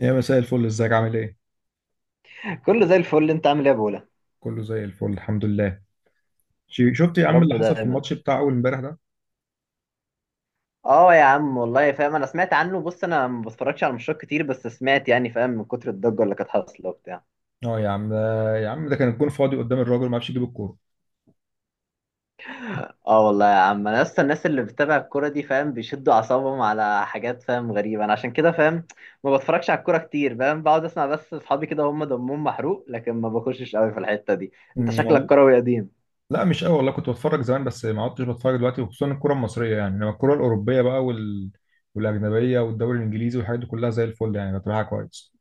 يا مساء الفل، ازيك عامل ايه؟ كله زي الفل، انت عامل ايه يا بولا؟ كله زي الفل الحمد لله. شفت يا يا عم رب اللي حصل في دايما. الماتش بتاع اول امبارح ده؟ اه يا عم والله فاهم، انا سمعت عنه. بص انا ما بتفرجش على ماتشات كتير، بس سمعت، يعني فاهم، من كتر الضجه اللي كانت حاصله وبتاع. اه يا عم ده يا عم ده كان الجون فاضي قدام الراجل ما عرفش يجيب الكوره. اه والله يا عم، انا لسه الناس اللي بتتابع الكوره دي، فاهم، بيشدوا اعصابهم على حاجات، فاهم، غريبه. انا عشان كده، فاهم، ما بتفرجش على الكوره كتير، فاهم، بقعد اسمع بس. اصحابي كده هم دمهم محروق، لكن ما بخشش قوي في الحته دي. انت انا شكلك والله كروي قديم. لا، مش قوي والله، كنت بتفرج زمان بس ما عدتش بتفرج دلوقتي، وخصوصا الكره المصريه يعني، انما الكره الاوروبيه بقى والاجنبيه والدوري الانجليزي والحاجات دي كلها زي الفل يعني، بتابعها كويس.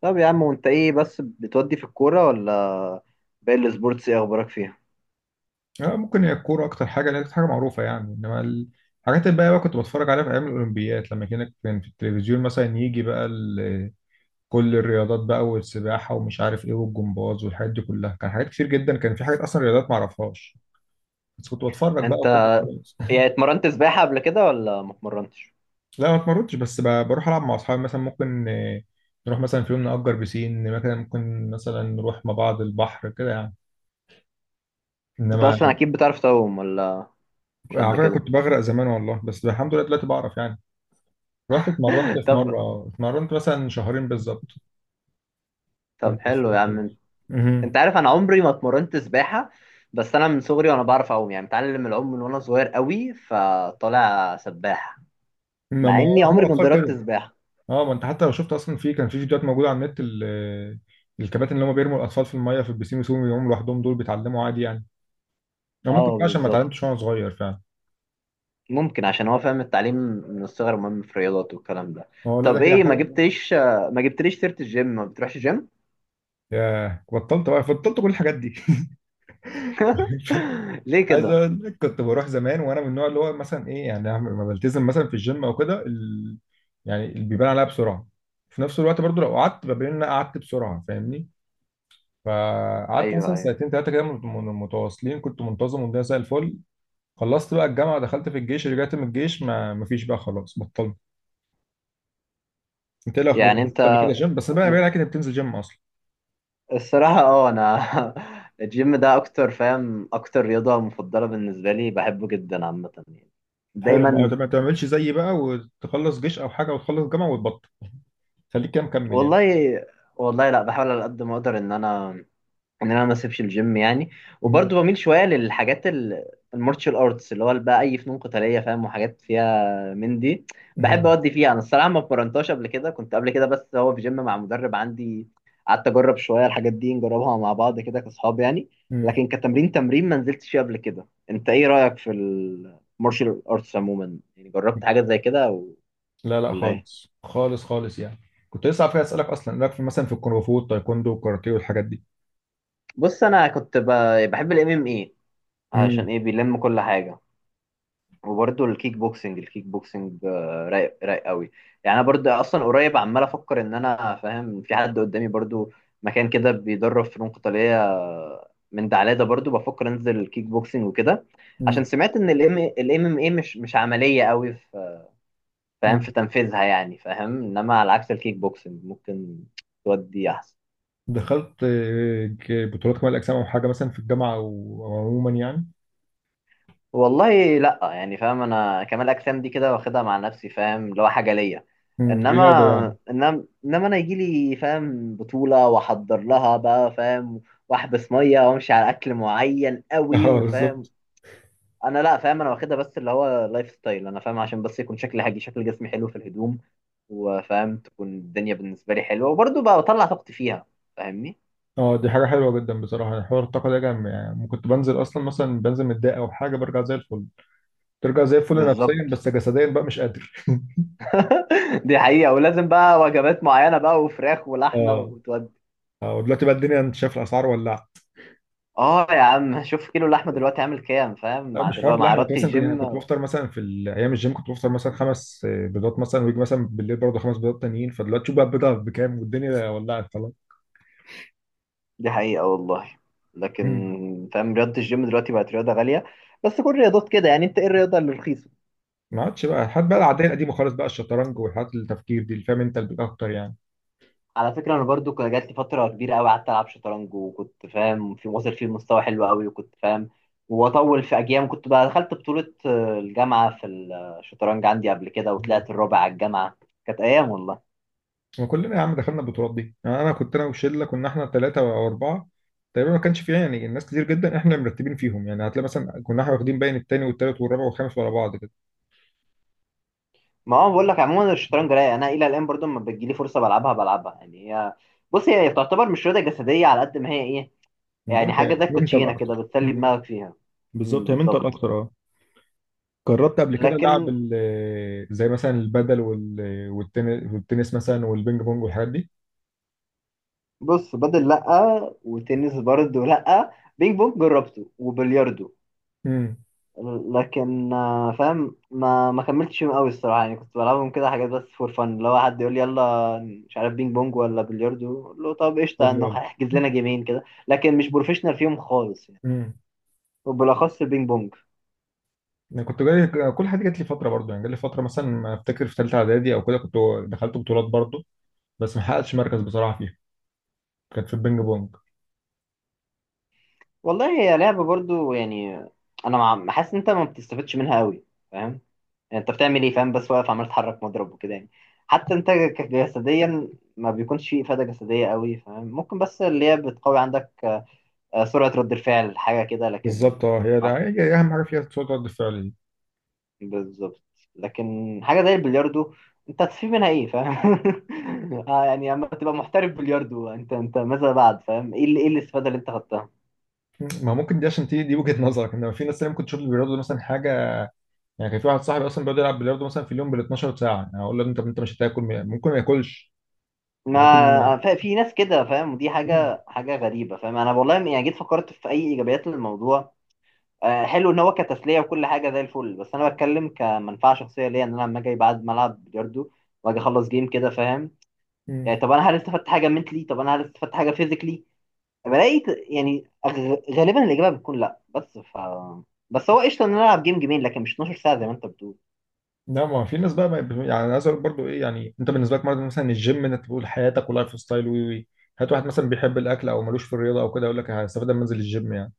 طب يا عم، وانت ايه بس بتودي في الكوره ولا باقي السبورتس؟ ايه اخبارك فيها؟ اه ممكن، هي الكوره اكتر حاجه لان حاجه معروفه يعني، انما الحاجات الباقيه بقى كنت بتفرج عليها في ايام الاولمبياد، لما كان في التلفزيون مثلا يجي بقى كل الرياضات بقى، والسباحه ومش عارف ايه، والجمباز والحاجات دي كلها، كان حاجات كتير جدا، كان في حاجات اصلا رياضات ما اعرفهاش، بس كنت بتفرج بقى انت وكده خلاص. يعني اتمرنت سباحة قبل كده ولا ما اتمرنتش؟ لا ما اتمرنتش، بس بروح العب مع اصحابي مثلا، ممكن نروح مثلا في يوم نأجر بسين، مثلا ممكن مثلا نروح مع بعض البحر كده يعني. انت انما اصلا اكيد بتعرف تعوم ولا مش على قد فكره كده؟ كنت بغرق زمان والله، بس الحمد لله دلوقتي بعرف يعني. رحت اتمرنت في طب، مره، اتمرنت مثلا شهرين بالظبط. طب كنت مبسوط حلو يا جدا. عم. مهم. انت عارف انا عمري ما اتمرنت سباحة، بس انا من صغري وانا بعرف اعوم، يعني متعلم العوم من وانا صغير قوي، فطالع سباح ما مع ما اني هم عمري ما الاطفال اتدربت كده. سباحة. اه، ما انت حتى لو شفت، اصلا في كان في فيديوهات موجوده على النت، الكباتن اللي هم بيرموا الاطفال في الميه في البسين ويسيبهم يقوموا لوحدهم، دول بيتعلموا عادي يعني. او ممكن اه بقى عشان ما بالظبط. اتعلمتش وانا صغير فعلا. ممكن عشان هو، فاهم، التعليم من الصغر مهم في الرياضات والكلام ده. اه لا ده طب هي ايه، ما حاجه. جبتليش، ما جبتليش سيرة الجيم؟ ما بتروحش جيم؟ ياه بطلت بقى، بطلت كل الحاجات دي ليه عايز كده؟ اقول لك كنت بروح زمان، وانا من النوع اللي هو مثلا ايه يعني، لما بلتزم مثلا في الجيم او كده يعني اللي بيبان عليها بسرعه. في نفس الوقت برضو لو قعدت، ببين ان انا قعدت بسرعه، فاهمني؟ فقعدت ايوه مثلا ايوه. سنتين ثلاثه كده متواصلين، كنت منتظم والدنيا زي الفل. خلصت بقى الجامعه، دخلت في الجيش، رجعت من الجيش، ما مفيش بقى خلاص بطلت. انت ايه الاخبار؟ يعني كنت انت قبل كده جيم، بس بقى كده بتنزل جيم اصلا؟ الصراحة اه انا الجيم ده اكتر، فاهم، اكتر رياضة مفضلة بالنسبة لي، بحبه جدا عامة يعني، حلو، دايما. ما ما تعملش زيي بقى، وتخلص جيش او حاجه وتخلص جامعه وتبطل. خليك كده مكمل يعني. والله، والله لا، بحاول على قد ما اقدر ان انا، ان انا ما اسيبش الجيم يعني. مم. وبرضه بميل شويه للحاجات المارشال ارتس، اللي هو بقى اي فنون قتاليه، فاهم، وحاجات فيها من دي. بحب مم. اودي فيها. انا الصراحه ما اتمرنتهاش قبل كده، كنت قبل كده بس هو في جيم مع مدرب عندي، قعدت اجرب شويه الحاجات دي، نجربها مع بعض كده كاصحاب يعني. مم. لكن كتمرين تمرين ما نزلتش فيه قبل كده. انت ايه رايك في المارشال ارتس عموما؟ يعني جربت حاجات زي كده لا لا، ولا ايه؟ خالص خالص خالص يعني. كنت لسه عارف اسالك اصلا، لك في مثلا في الكونغ فو والتايكوندو والكاراتيه والحاجات دي؟ بص انا كنت بحب الام ام اي، عشان مم. ايه؟ بيلم كل حاجه. وبرضه الكيك بوكسنج، آه، رايق، رايق قوي. يعني انا برضه اصلا قريب عمال افكر ان انا، فاهم، في حد قدامي برضه مكان كده بيدرب فنون قتاليه، آه، من دعلادة برضه بفكر انزل الكيك بوكسنج وكده. عشان مم. سمعت ان الام ام اي مش، مش عمليه قوي في، فاهم، مم. في تنفيذها، يعني فاهم، انما على عكس الكيك بوكسنج ممكن تودي احسن. دخلت بطولات كمال الاجسام او حاجه مثلا في الجامعه او أو عموما يعني؟ والله لا، يعني فاهم، انا كمال اجسام دي كده واخدها مع نفسي، فاهم، اللي هو حاجه ليا. مم. انما رياضه يعني. انما انما انا يجي لي، فاهم، بطوله واحضر لها بقى، فاهم، واحبس ميه وامشي على اكل معين قوي، اه وفاهم، بالظبط. انا لا، فاهم، انا واخدها بس اللي هو لايف ستايل. انا فاهم عشان بس يكون شكلي حاجي، شكل جسمي حلو في الهدوم، وفاهم، تكون الدنيا بالنسبه لي حلوه، وبرضه بقى بطلع طاقتي فيها، فاهمني. اه دي حاجة حلوة جدا بصراحة، يعني حوار الطاقة ده جامد، يعني كنت بنزل أصلا مثلا، بنزل متضايق أو حاجة، برجع زي الفل. ترجع زي الفل بالظبط. نفسيا، بس جسديا بقى مش قادر دي حقيقة. ولازم بقى وجبات معينة بقى، وفراخ ولحمة. اه. اه ودلوقتي بقى الدنيا أنت شايف، الأسعار ولعت. اه يا عم، شوف كيلو اللحمه دلوقتي عامل كام، فاهم، لا مع مش حوار دلوقتي مع اللحمة، أنت رياضه مثلا كنت يعني، الجيم. كنت بفطر مثلا في أيام الجيم كنت بفطر مثلا خمس بيضات مثلا، ويجي مثلا بالليل برضه خمس بيضات تانيين، فدلوقتي شوف بقى البيضة بكام، والدنيا ولعت خلاص. دي حقيقه والله. لكن، مم. فاهم، رياضه الجيم دلوقتي بقت رياضه غاليه. بس كل الرياضات كده يعني، انت ايه الرياضه اللي رخيصه؟ ما عادش بقى الحاجات بقى ك- العادية القديمة خالص بقى، الشطرنج والحاجات التفكير دي، اللي فاهم أنت اللي أكتر يعني. على فكره انا برضو كان جات لي فتره كبيره قوي قعدت العب شطرنج، وكنت، فاهم، في واصل فيه مستوى حلو قوي، وكنت فاهم واطول في اجيال. كنت بقى دخلت بطوله، آه، الجامعه في الشطرنج عندي قبل كده، وطلعت الرابع على الجامعه. كانت ايام والله. وكلنا يا عم دخلنا البطولات دي يعني، انا كنت انا وشله، كنا احنا ثلاثه او اربعه تقريبا، ما كانش فيها يعني ناس كتير جدا، احنا مرتبين فيهم يعني، هتلاقي مثلا كنا احنا واخدين باين الثاني والثالث والرابع والخامس ورا بعض كده. ما هو بقول لك عموما، الشطرنج رايق. انا الى الان برضو لما بتجيلي فرصه بلعبها بلعبها يعني. هي، بص هي تعتبر مش رياضه جسديه على قد ما هي ايه، يعني بقولك حاجه زي هي منتال الكوتشينه كده، اكتر. بتسلي مم. دماغك فيها. امم، بالظبط هي منتال بالظبط. اكتر، اه. جربت قبل كده لعب لكن زي مثلا البدل والتنس مثلا والبينج بونج والحاجات دي؟ بص، بدل لا، وتنس برضو لا، بينج بونج جربته، وبلياردو. امم. لكن آه، فاهم، ما كملتش فيهم قوي الصراحه، يعني كنت بلعبهم كده حاجات بس فور فن. لو حد يقول لي يلا، مش عارف بينج بونج ولا بلياردو، اقول له طب قشطه، قول لي انه يلا. هيحجز لنا جيمين كده، لكن مش بروفيشنال فيهم خالص. امم. وبالاخص البينج بونج. انا كنت جاي كل حاجه جات لي فتره برضه، يعني جات لي فتره مثلا ما افتكر في ثالثه اعدادي او كده، كنت دخلت بطولات برضه، بس ما حققتش مركز بصراحه فيها، كانت في البينج بونج. والله هي لعبه برضو يعني، حاسس ان انت ما بتستفادش منها قوي، فاهم. يعني انت بتعمل ايه، فاهم، بس واقف عمال تحرك مضرب وكده يعني. حتى انت جسديا ما بيكونش فيه افاده جسديه قوي، فاهم. ممكن بس اللي هي بتقوي عندك، آه، سرعه رد الفعل، حاجه كده، لكن بالظبط اه، هي ده ما- هي اهم حاجه فيها، صوت رد الفعل دي. بالظبط. لكن حاجه زي البلياردو، انت هتستفيد منها ايه، فاهم؟ آه، يعني اما تبقى محترف بلياردو، انت ماذا بعد؟ فاهم ايه ايه الاستفاده اللي انت خدتها؟ ما ممكن دي عشان تيجي دي وجهة نظرك، انما في ناس تانية ممكن تشوف البلياردو ده مثلا حاجة، يعني كان في واحد صاحبي اصلا بيقعد يلعب بلياردو مثلا في اليوم بال 12 ساعة يعني، اقول له انت انت مش هتاكل، ممكن ما ياكلش. ممكن ما- ما ف- في ناس كده، فاهم، ودي مم. حاجة، غريبة، فاهم. أنا والله يعني جيت فكرت في أي إيجابيات للموضوع. آه، حلو إن هو كتسلية وكل حاجة زي الفل، بس أنا بتكلم كمنفعة شخصية ليا. إن أنا لما أجي بعد ملعب بلياردو وأجي أخلص جيم كده، فاهم، مم. يعني طب أنا هل استفدت حاجة منتلي؟ طب أنا هل استفدت حاجة فيزيكلي؟ بلاقي يعني غالبا الإجابة بتكون لأ. بس هو قشطة إن أنا ألعب جيم جيمين، لكن مش 12 ساعة زي ما أنت بتقول. لا، ما في ناس بقى ما يعني انا عايز اقول برضه ايه يعني، انت بالنسبة لك مرض مثلا الجيم، انك تقول حياتك ولايف ستايل وي وي، هات واحد مثلا بيحب الاكل او ملوش في الرياضة او كده يقول لك هستفاد لما انزل الجيم يعني؟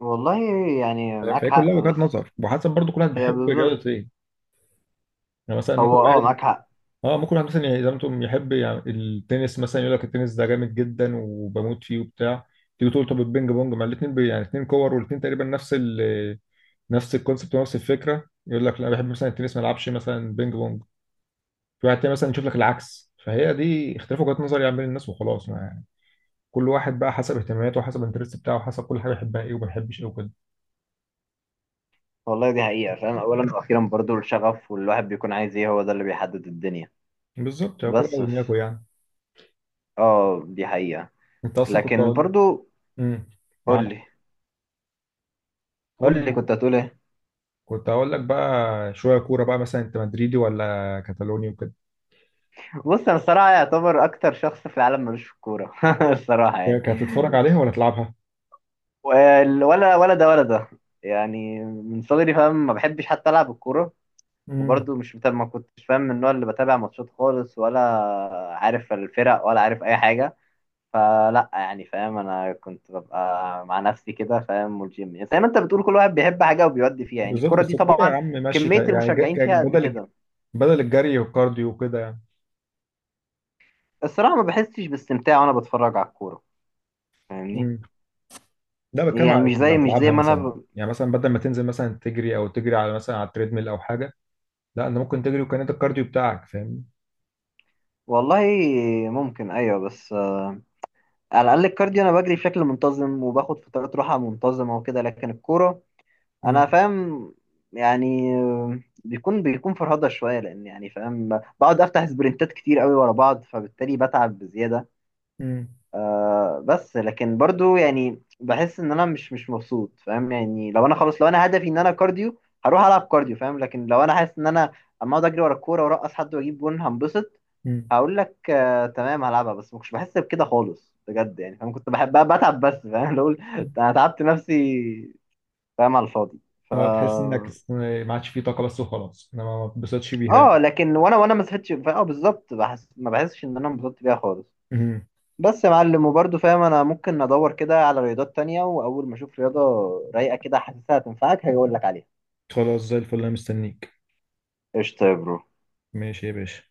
والله يعني فاهم، معاك فهي كلها حق، وجهات بس نظر وحسب برضه، كل واحد هي بيحب بالظبط، رياضة ايه. يعني مثلا ممكن هو أه واحد، معاك حق. اه ممكن واحد مثلا يعني، زي ما انتم، يحب يعني التنس مثلا، يقول لك التنس ده جامد جدا وبموت فيه وبتاع، تيجي تقول طب البينج بونج مع الاثنين يعني، اثنين كور والاثنين تقريبا نفس ال، نفس الكونسبت ونفس الفكره، يقول لك لا أنا بحب مثلا التنس ما العبش مثلا بينج بونج. في واحد تاني مثلا يشوف لك العكس، فهي دي اختلاف وجهات نظر يعني بين الناس وخلاص، ما يعني، كل واحد بقى حسب اهتماماته وحسب الانترست بتاعه وحسب كل حاجه يحبها ايه وما يحبش ايه وكده. والله دي حقيقة، فاهم، أولا وأخيرا برضو الشغف، والواحد بيكون عايز إيه، هو ده اللي بيحدد الدنيا. بالظبط هو كل واحد بس ودماغه ف... يعني. آه دي حقيقة. انت اصلا لكن برضو، امم. قول معاك. لي، قول. قول لي كنت هتقول إيه؟ كنت هقول لك بقى شويه كوره بقى مثلا، انت مدريدي ولا كتالوني وكده؟ بص أنا الصراحة يعتبر أكتر شخص في العالم ملوش في الكورة الصراحة يعني يعني كانت هتتفرج عليها ولا تلعبها؟ ولا ولا ده. يعني من صغري، فاهم، ما بحبش حتى ألعب الكورة. امم. وبرضو مش بتابع، ما كنتش، فاهم، من النوع اللي بتابع ماتشات خالص، ولا عارف الفرق، ولا عارف أي حاجة. فلا يعني، فاهم، انا كنت ببقى مع نفسي كده، فاهم. والجيم يعني زي ما انت بتقول، كل واحد بيحب حاجه وبيودي فيها. يعني بالظبط. الكوره دي بس الكوره يا طبعا عم ماشي، كميه يعني المشجعين فيها قد كده. بدل الجري والكارديو وكده يعني. الصراحه ما بحسش باستمتاع وانا بتفرج على الكوره، فاهمني. امم. لا بتكلم يعني على مش اللي زي، هتلعبها ما انا مثلا. يعني مثلا بدل ما تنزل مثلا تجري، او تجري على مثلا على التريدميل او حاجه، لا انت ممكن تجري، وكان انت الكارديو بتاعك فاهم. والله ممكن ايوه، بس آه، على الاقل الكارديو انا بجري بشكل منتظم وباخد فترات راحه منتظمه وكده، لكن الكوره انا، امم. فاهم، يعني بيكون فرهضه شويه، لان يعني فاهم بقعد افتح سبرنتات كتير قوي ورا بعض، فبالتالي بتعب بزياده. امم. آه بس لكن برضو يعني بحس ان انا مش مبسوط، فاهم. يعني لو انا خلاص، لو انا هدفي ان انا كارديو، هروح العب كارديو، فاهم. لكن لو انا حاسس ان انا اما اقعد اجري ورا الكوره وارقص حد واجيب جون هنبسط، امم. هقول لك آه تمام، هلعبها. بس ما كنتش بحس بكده خالص بجد، يعني فاهم كنت بحب بتعب بس، فاهم، لو انا تعبت نفسي، فاهم، على الفاضي. ف اه تحس انك ما عادش فيه طاقه بس وخلاص، انا ما ما اتبسطتش بيها اه يعني. لكن وانا ما صحيتش. اه بالظبط، بحس، ما بحسش ان انا انبسطت بيها خالص. امم. بس يا معلم، وبرضه فاهم انا ممكن ادور كده على رياضات تانية، واول ما اشوف رياضة رايقة كده حاسسها هتنفعك، هاجي اقول لك عليها. خلاص زي الفل، انا مستنيك. قشطة يا برو. ماشي يا باشا.